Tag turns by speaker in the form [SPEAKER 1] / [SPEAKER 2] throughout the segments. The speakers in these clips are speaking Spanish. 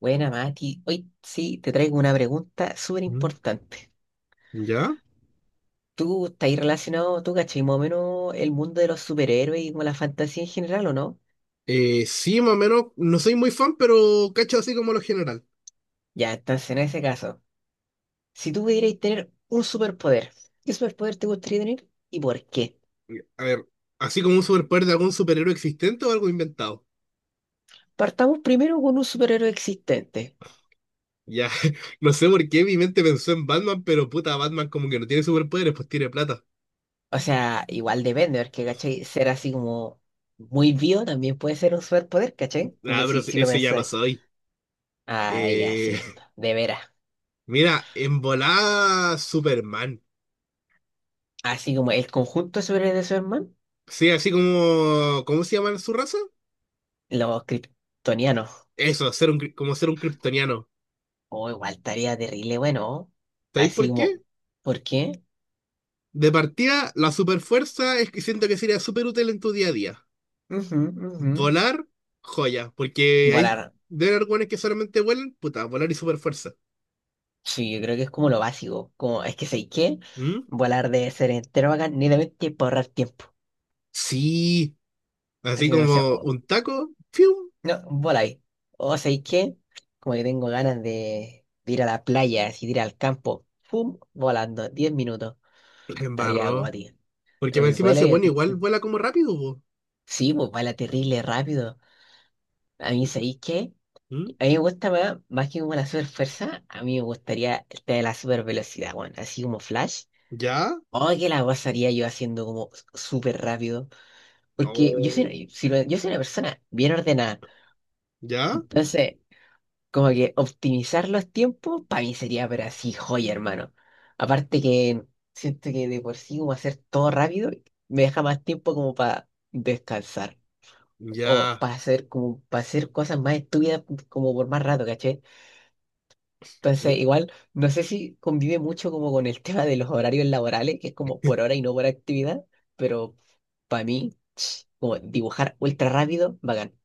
[SPEAKER 1] Buena, Mati. Hoy sí, te traigo una pregunta súper
[SPEAKER 2] Mm.
[SPEAKER 1] importante.
[SPEAKER 2] ¿Ya?
[SPEAKER 1] ¿Tú estás ahí relacionado, tú cachai, más o menos el mundo de los superhéroes y con la fantasía en general o no?
[SPEAKER 2] Sí, más o menos, no soy muy fan, pero cacho así como lo general.
[SPEAKER 1] Ya, entonces en ese caso, si tú pudierais tener un superpoder, ¿qué superpoder te gustaría tener y por qué?
[SPEAKER 2] A ver, así como un superpoder de algún superhéroe existente o algo inventado.
[SPEAKER 1] Partamos primero con un superhéroe existente.
[SPEAKER 2] Ya, no sé por qué mi mente pensó en Batman, pero puta, Batman como que no tiene superpoderes, pues tiene plata.
[SPEAKER 1] O sea, igual depende, porque, cachai, ser así como muy vivo también puede ser un superpoder, cachai,
[SPEAKER 2] Ah,
[SPEAKER 1] que
[SPEAKER 2] pero
[SPEAKER 1] si, si lo
[SPEAKER 2] ese ya lo
[SPEAKER 1] pensáis.
[SPEAKER 2] soy.
[SPEAKER 1] Ay,
[SPEAKER 2] Eh,
[SPEAKER 1] así es, de veras.
[SPEAKER 2] mira, en volada Superman.
[SPEAKER 1] Así como el conjunto de superhéroes de Superman.
[SPEAKER 2] Sí, así como, ¿cómo se llama su raza?
[SPEAKER 1] Los kryptonianos.
[SPEAKER 2] Eso, ser como ser un kryptoniano.
[SPEAKER 1] O igual estaría terrible, bueno.
[SPEAKER 2] ¿Sabéis
[SPEAKER 1] Así
[SPEAKER 2] por qué?
[SPEAKER 1] como, ¿por qué?
[SPEAKER 2] De partida, la superfuerza es que siento que sería súper útil en tu día a día.
[SPEAKER 1] Ujú, ujú.
[SPEAKER 2] Volar, joya, porque hay
[SPEAKER 1] Volar.
[SPEAKER 2] de algunos que solamente vuelan, puta, volar y super fuerza.
[SPEAKER 1] Sí, yo creo que es como lo básico. Como, es que sé qué. Volar debe ser entero bacán, netamente para ahorrar tiempo.
[SPEAKER 2] Sí, así
[SPEAKER 1] Así que no sé,
[SPEAKER 2] como un taco, ¡fium!
[SPEAKER 1] no, voláis. O sé qué. Como que tengo ganas de ir a la playa, así de ir al campo. ¡Pum! Volando, 10 minutos.
[SPEAKER 2] La
[SPEAKER 1] Estaría
[SPEAKER 2] embarró.
[SPEAKER 1] goti.
[SPEAKER 2] Porque
[SPEAKER 1] El
[SPEAKER 2] encima
[SPEAKER 1] vuelo
[SPEAKER 2] ese
[SPEAKER 1] y...
[SPEAKER 2] bueno igual vuela como rápido, po.
[SPEAKER 1] Sí, pues vuela terrible rápido. A mí, ¿sabéis qué?
[SPEAKER 2] ¿Mm?
[SPEAKER 1] A mí me gusta más, más que como la super fuerza, a mí me gustaría el tema de la super velocidad, weón, así como Flash.
[SPEAKER 2] ¿Ya?
[SPEAKER 1] O que la pasaría yo haciendo como súper rápido. Porque yo
[SPEAKER 2] Oh,
[SPEAKER 1] soy, si lo- yo soy una persona bien ordenada.
[SPEAKER 2] ¿ya?
[SPEAKER 1] Entonces, como que optimizar los tiempos, para mí sería, pero así, joya, hermano. Aparte que siento que de por sí como hacer todo rápido, me deja más tiempo como para descansar. O
[SPEAKER 2] Ya.
[SPEAKER 1] para hacer como para hacer cosas más estúpidas como por más rato, caché. Entonces, igual, no sé si convive mucho como con el tema de los horarios laborales, que es como por hora y no por actividad, pero para mí, ch, como dibujar ultra rápido, bacán.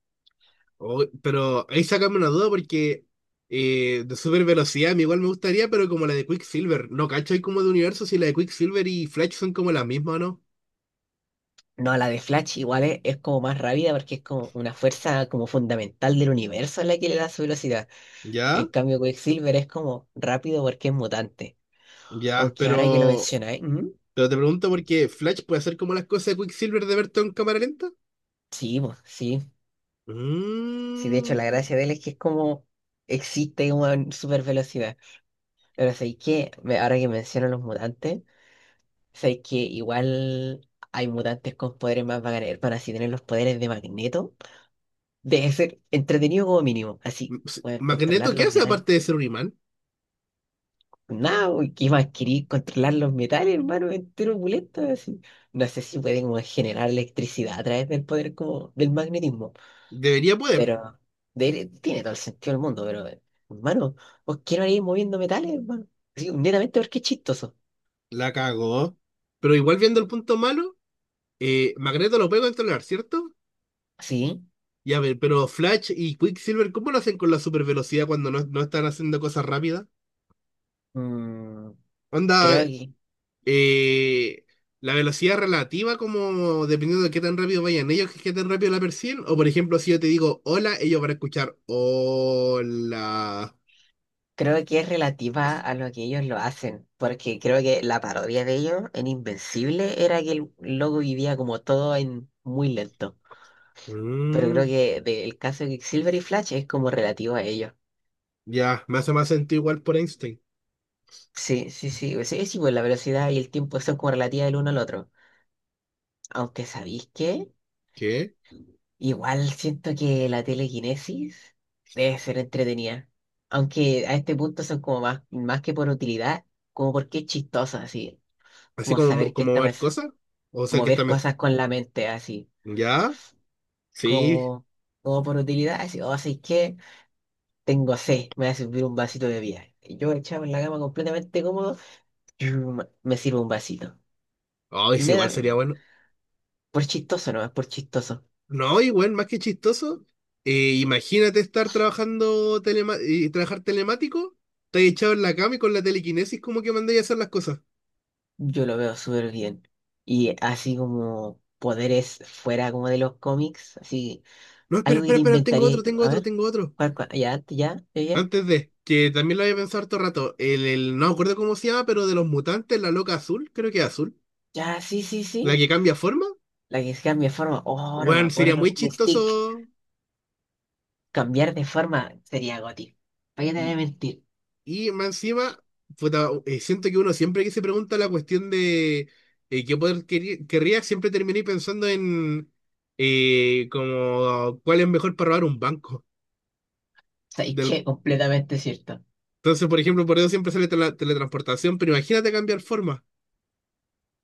[SPEAKER 2] Oh, pero ahí sacame una duda porque de super velocidad a mí igual me gustaría, pero como la de Quicksilver. No, cacho, hay como de universo si la de Quicksilver y Flash son como la misma, ¿o no?
[SPEAKER 1] No, la de Flash igual es como más rápida porque es como una fuerza como fundamental del universo la que le da su velocidad.
[SPEAKER 2] ¿Ya?
[SPEAKER 1] En cambio, Quicksilver es como rápido porque es mutante.
[SPEAKER 2] Ya,
[SPEAKER 1] Aunque ahora que lo
[SPEAKER 2] pero
[SPEAKER 1] mencionáis, mm.
[SPEAKER 2] Pero te pregunto porque Flash puede hacer como las cosas de Quicksilver de Berton en cámara lenta.
[SPEAKER 1] Sí, po, sí. Sí, de hecho, la
[SPEAKER 2] Mm.
[SPEAKER 1] gracia de él es que es como existe una super velocidad. Pero sé que ahora que menciono los mutantes. Sabéis que igual hay mutantes con poderes más bacanes, para así tener los poderes de Magneto debe ser entretenido como mínimo. Así, poder
[SPEAKER 2] Magneto,
[SPEAKER 1] controlar
[SPEAKER 2] ¿qué
[SPEAKER 1] los
[SPEAKER 2] hace
[SPEAKER 1] metales.
[SPEAKER 2] aparte de ser un imán?
[SPEAKER 1] Nada, uy, ¿qué más querí? Controlar los metales, hermano, entero opulento, así. No sé si pueden como generar electricidad a través del poder como del magnetismo,
[SPEAKER 2] Debería poder.
[SPEAKER 1] pero tiene todo el sentido del mundo, pero hermano, vos quiero ir moviendo metales, hermano. Así, netamente porque es chistoso.
[SPEAKER 2] La cagó. Pero igual viendo el punto malo, Magneto lo puede controlar, ¿cierto?
[SPEAKER 1] Sí,
[SPEAKER 2] Y a ver, pero Flash y Quicksilver, ¿cómo lo hacen con la supervelocidad cuando no están haciendo cosas rápidas?
[SPEAKER 1] mm,
[SPEAKER 2] Onda,
[SPEAKER 1] creo que
[SPEAKER 2] eh, la velocidad relativa, como dependiendo de qué tan rápido vayan ellos, que qué tan rápido la perciben. O por ejemplo, si yo te digo hola, ellos van a escuchar hola.
[SPEAKER 1] creo que es relativa a lo que ellos lo hacen, porque creo que la parodia de ellos en Invencible era que el loco vivía como todo en muy lento. Pero creo
[SPEAKER 2] Mm,
[SPEAKER 1] que del caso de Silver y Flash es como relativo a ellos.
[SPEAKER 2] ya, me hace más sentido igual por Einstein.
[SPEAKER 1] Sí, sí, sí, pues la velocidad y el tiempo son como relativas del uno al otro. Aunque sabéis que
[SPEAKER 2] ¿Qué?
[SPEAKER 1] igual siento que la telequinesis debe ser entretenida. Aunque a este punto son como más, más que por utilidad, como porque es chistosa, así,
[SPEAKER 2] Así
[SPEAKER 1] como
[SPEAKER 2] como,
[SPEAKER 1] saber qué
[SPEAKER 2] como
[SPEAKER 1] está
[SPEAKER 2] mover
[SPEAKER 1] pasando.
[SPEAKER 2] cosas. O ser que está.
[SPEAKER 1] Mover
[SPEAKER 2] Mes-
[SPEAKER 1] cosas con la mente, así,
[SPEAKER 2] ya, sí.
[SPEAKER 1] como, como por utilidad, así, o así que tengo sed, me voy a servir un vasito de bebida. Y yo echado en la cama completamente cómodo, chum, me sirvo un vasito.
[SPEAKER 2] Ay, sí,
[SPEAKER 1] Me
[SPEAKER 2] igual
[SPEAKER 1] da,
[SPEAKER 2] sería bueno.
[SPEAKER 1] por chistoso no, es por chistoso.
[SPEAKER 2] No, igual, más que chistoso. Eh, imagínate estar trabajando y trabajar telemático, te echado en la cama y con la telequinesis como que mandáis a hacer las cosas.
[SPEAKER 1] Yo lo veo súper bien. Y así como poderes fuera como de los cómics, así,
[SPEAKER 2] No, espera,
[SPEAKER 1] algo que
[SPEAKER 2] espera,
[SPEAKER 1] te
[SPEAKER 2] espera, tengo
[SPEAKER 1] inventaría y
[SPEAKER 2] otro,
[SPEAKER 1] tú,
[SPEAKER 2] tengo
[SPEAKER 1] a
[SPEAKER 2] otro,
[SPEAKER 1] ver,
[SPEAKER 2] tengo otro.
[SPEAKER 1] ¿cuál, cuál? Ya, antes, ya, ya, ya,
[SPEAKER 2] Antes de, que también lo había pensado harto rato. No me acuerdo cómo se llama, pero de los mutantes, la loca azul, creo que es azul.
[SPEAKER 1] ya, sí, sí,
[SPEAKER 2] La
[SPEAKER 1] sí.
[SPEAKER 2] que cambia forma.
[SPEAKER 1] La que cambia de forma, oh, no me
[SPEAKER 2] Bueno, sería muy
[SPEAKER 1] acuerdo, Mystique.
[SPEAKER 2] chistoso.
[SPEAKER 1] Cambiar de forma sería Goti. ¿Para qué te voy a
[SPEAKER 2] Y,
[SPEAKER 1] mentir?
[SPEAKER 2] y más encima, puta, siento que uno siempre que se pregunta la cuestión de querría, siempre terminé pensando en como cuál es mejor para robar un banco.
[SPEAKER 1] ¿Sabes
[SPEAKER 2] Del,
[SPEAKER 1] qué? Completamente cierto.
[SPEAKER 2] entonces, por ejemplo, por eso siempre sale teletransportación, pero imagínate cambiar forma.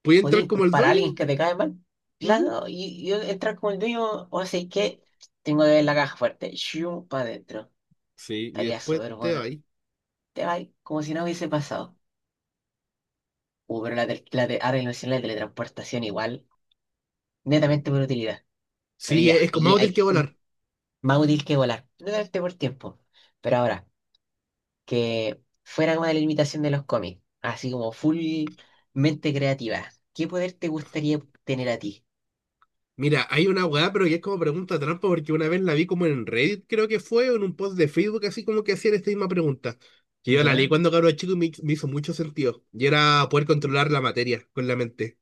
[SPEAKER 2] ¿Puede
[SPEAKER 1] Podía
[SPEAKER 2] entrar como el
[SPEAKER 1] inculpar a
[SPEAKER 2] dueño?
[SPEAKER 1] alguien que te cae mal.
[SPEAKER 2] Ujú.
[SPEAKER 1] Claro, y yo entrar como el dueño, o sea, que tengo que ver la caja fuerte. Shum para adentro.
[SPEAKER 2] Sí, y
[SPEAKER 1] Estaría
[SPEAKER 2] después
[SPEAKER 1] súper
[SPEAKER 2] te
[SPEAKER 1] bueno.
[SPEAKER 2] va ahí.
[SPEAKER 1] Te vas como si no hubiese pasado. Pero la, tel- la, te- ahora ilusión la teletransportación igual,
[SPEAKER 2] Pues.
[SPEAKER 1] netamente por utilidad. Pero
[SPEAKER 2] Sí,
[SPEAKER 1] ya,
[SPEAKER 2] es como
[SPEAKER 1] allí
[SPEAKER 2] más útil que
[SPEAKER 1] hay mm,
[SPEAKER 2] volar.
[SPEAKER 1] más útil que volar. Netamente por tiempo. Pero ahora que fuera como de la limitación de los cómics, así como full mente creativa. ¿Qué poder te gustaría tener a ti?
[SPEAKER 2] Mira, hay una weá, pero que es como pregunta trampa, porque una vez la vi como en Reddit, creo que fue, o en un post de Facebook, así como que hacían esta misma pregunta. Que yo la leí
[SPEAKER 1] ¿Ya?
[SPEAKER 2] cuando cabro chico y me hizo mucho sentido. Y era poder controlar la materia con la mente.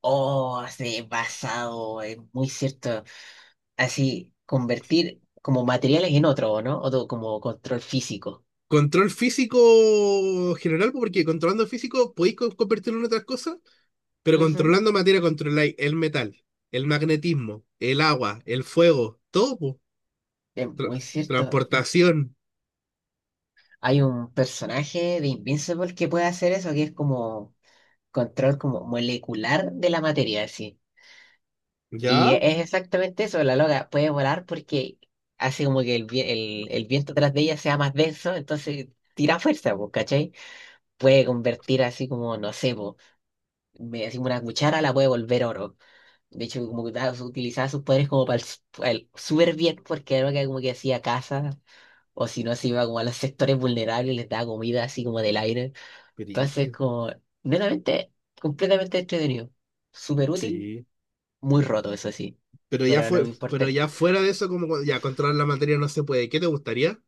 [SPEAKER 1] Oh, sí, basado, es muy cierto. Así, convertir como materiales en otro, ¿no? Otro como control físico.
[SPEAKER 2] Control físico general, pues, porque controlando físico podéis convertirlo en otras cosas, pero
[SPEAKER 1] Ujú.
[SPEAKER 2] controlando materia controláis el metal, el magnetismo, el agua, el fuego, todo, po.
[SPEAKER 1] Es muy
[SPEAKER 2] Tra-
[SPEAKER 1] cierto.
[SPEAKER 2] transportación.
[SPEAKER 1] Hay un personaje de Invincible que puede hacer eso, que es como control como molecular de la materia, así. Y
[SPEAKER 2] ¿Ya?
[SPEAKER 1] es exactamente eso, la loca puede volar porque hace como que el viento atrás de ella sea más denso, entonces tira fuerza, pues, ¿cachai? Puede convertir así como, no sé, po, me decimos una cuchara, la puede volver oro. De hecho, como que utilizaba sus poderes como para pa' el súper bien, porque era que como que hacía casa, o si no, se iba como a los sectores vulnerables, les daba comida así como del aire. Entonces,
[SPEAKER 2] Brígido.
[SPEAKER 1] como, netamente, completamente entretenido. Súper útil,
[SPEAKER 2] Sí.
[SPEAKER 1] muy roto, eso sí.
[SPEAKER 2] Pero ya
[SPEAKER 1] Pero no
[SPEAKER 2] fue,
[SPEAKER 1] me
[SPEAKER 2] pero
[SPEAKER 1] importa.
[SPEAKER 2] ya fuera de eso, como ya controlar la materia no se puede. ¿Qué te gustaría?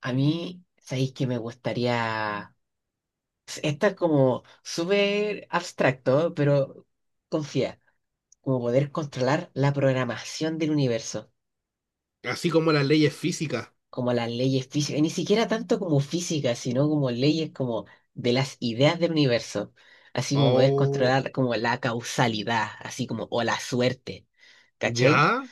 [SPEAKER 1] A mí, sabéis que me gustaría. Está como súper abstracto, pero confía, como poder controlar la programación del universo,
[SPEAKER 2] Así como las leyes físicas.
[SPEAKER 1] como las leyes físicas, y ni siquiera tanto como física, sino como leyes como de las ideas del universo, así como poder
[SPEAKER 2] Oh,
[SPEAKER 1] controlar como la causalidad, así como o la suerte, ¿cachai?
[SPEAKER 2] ¿ya?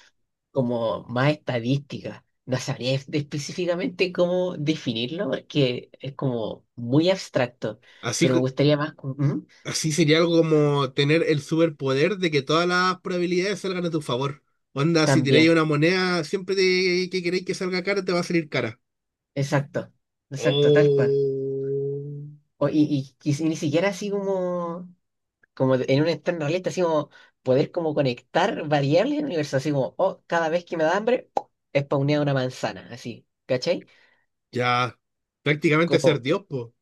[SPEAKER 1] Como más estadística. No sabría específicamente cómo definirlo porque es como muy abstracto,
[SPEAKER 2] Así,
[SPEAKER 1] pero me
[SPEAKER 2] que-
[SPEAKER 1] gustaría más como... ¿Mm?
[SPEAKER 2] así sería algo como tener el superpoder de que todas las probabilidades salgan a tu favor. Onda, si tiráis
[SPEAKER 1] También,
[SPEAKER 2] una moneda, que queréis que salga cara, te va a salir cara.
[SPEAKER 1] exacto, exacto, tal cual.
[SPEAKER 2] Oh,
[SPEAKER 1] O- y ni siquiera así como, como en un entorno realista, así como poder como conectar variables en el universo, así como, oh, cada vez que me da hambre, spawnea una manzana, así, ¿cachai?
[SPEAKER 2] ya. Prácticamente
[SPEAKER 1] Como,
[SPEAKER 2] ser Dios, po.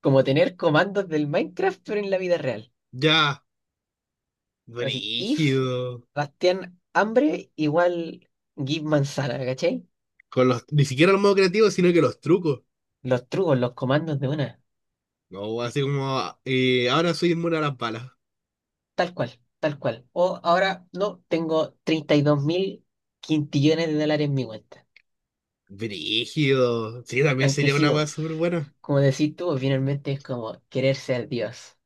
[SPEAKER 1] como tener comandos del Minecraft, pero en la vida real.
[SPEAKER 2] Ya.
[SPEAKER 1] Así, if
[SPEAKER 2] Brígido.
[SPEAKER 1] Bastián hambre igual give manzana, ¿cachai?
[SPEAKER 2] Con los, ni siquiera el modo creativo, sino que los trucos.
[SPEAKER 1] Los trucos, los comandos de una,
[SPEAKER 2] No, así como, ahora soy inmune a las balas.
[SPEAKER 1] tal cual, tal cual. O ahora, no, tengo 32.000 quintillones de dólares en mi cuenta.
[SPEAKER 2] Brígido. Sí, también
[SPEAKER 1] Aunque
[SPEAKER 2] sería
[SPEAKER 1] sí,
[SPEAKER 2] una weá
[SPEAKER 1] vos,
[SPEAKER 2] súper buena.
[SPEAKER 1] como decís tú, finalmente es como querer ser Dios.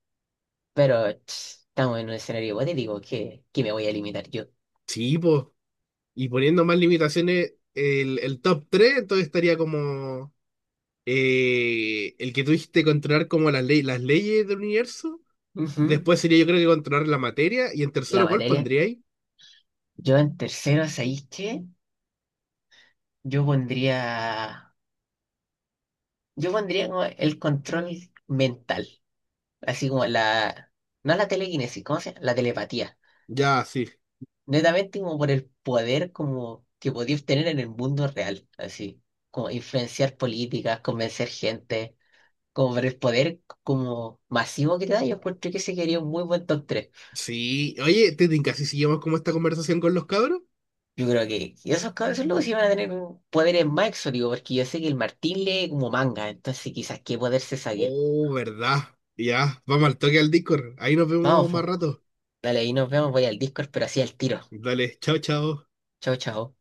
[SPEAKER 1] Pero ch, estamos en un escenario hipotético que, me voy a limitar yo.
[SPEAKER 2] Sí, pues. Y poniendo más limitaciones, el top 3 entonces estaría como el que tuviste que controlar como las, ley- las leyes del universo.
[SPEAKER 1] Ujú.
[SPEAKER 2] Después sería yo creo que controlar la materia. Y en
[SPEAKER 1] La
[SPEAKER 2] tercero, ¿cuál
[SPEAKER 1] materia.
[SPEAKER 2] pondría ahí?
[SPEAKER 1] Yo en tercero, ¿sabéis qué? Yo pondría, yo pondría como el control mental. Así como la... No la telequinesis, ¿cómo se llama? La telepatía.
[SPEAKER 2] Ya, sí.
[SPEAKER 1] Netamente como por el poder como que podía obtener en el mundo real, así. Como influenciar políticas, convencer gente. Como por el poder como masivo que te da, yo encuentro que ese quería un muy buen top 3.
[SPEAKER 2] Sí. Oye, Tetin, casi seguimos como esta conversación con los cabros.
[SPEAKER 1] Yo creo que y esos cabezos locos sí van a tener poderes más exóticos, porque yo sé que el Martín lee como manga, entonces quizás qué poder se saque.
[SPEAKER 2] Oh, ¿verdad? Ya, vamos al toque al Discord. Ahí nos vemos
[SPEAKER 1] Vamos,
[SPEAKER 2] más
[SPEAKER 1] po.
[SPEAKER 2] rato.
[SPEAKER 1] Dale, ahí nos vemos, voy al Discord, pero así al tiro.
[SPEAKER 2] Dale, chao, chao.
[SPEAKER 1] Chao, chao.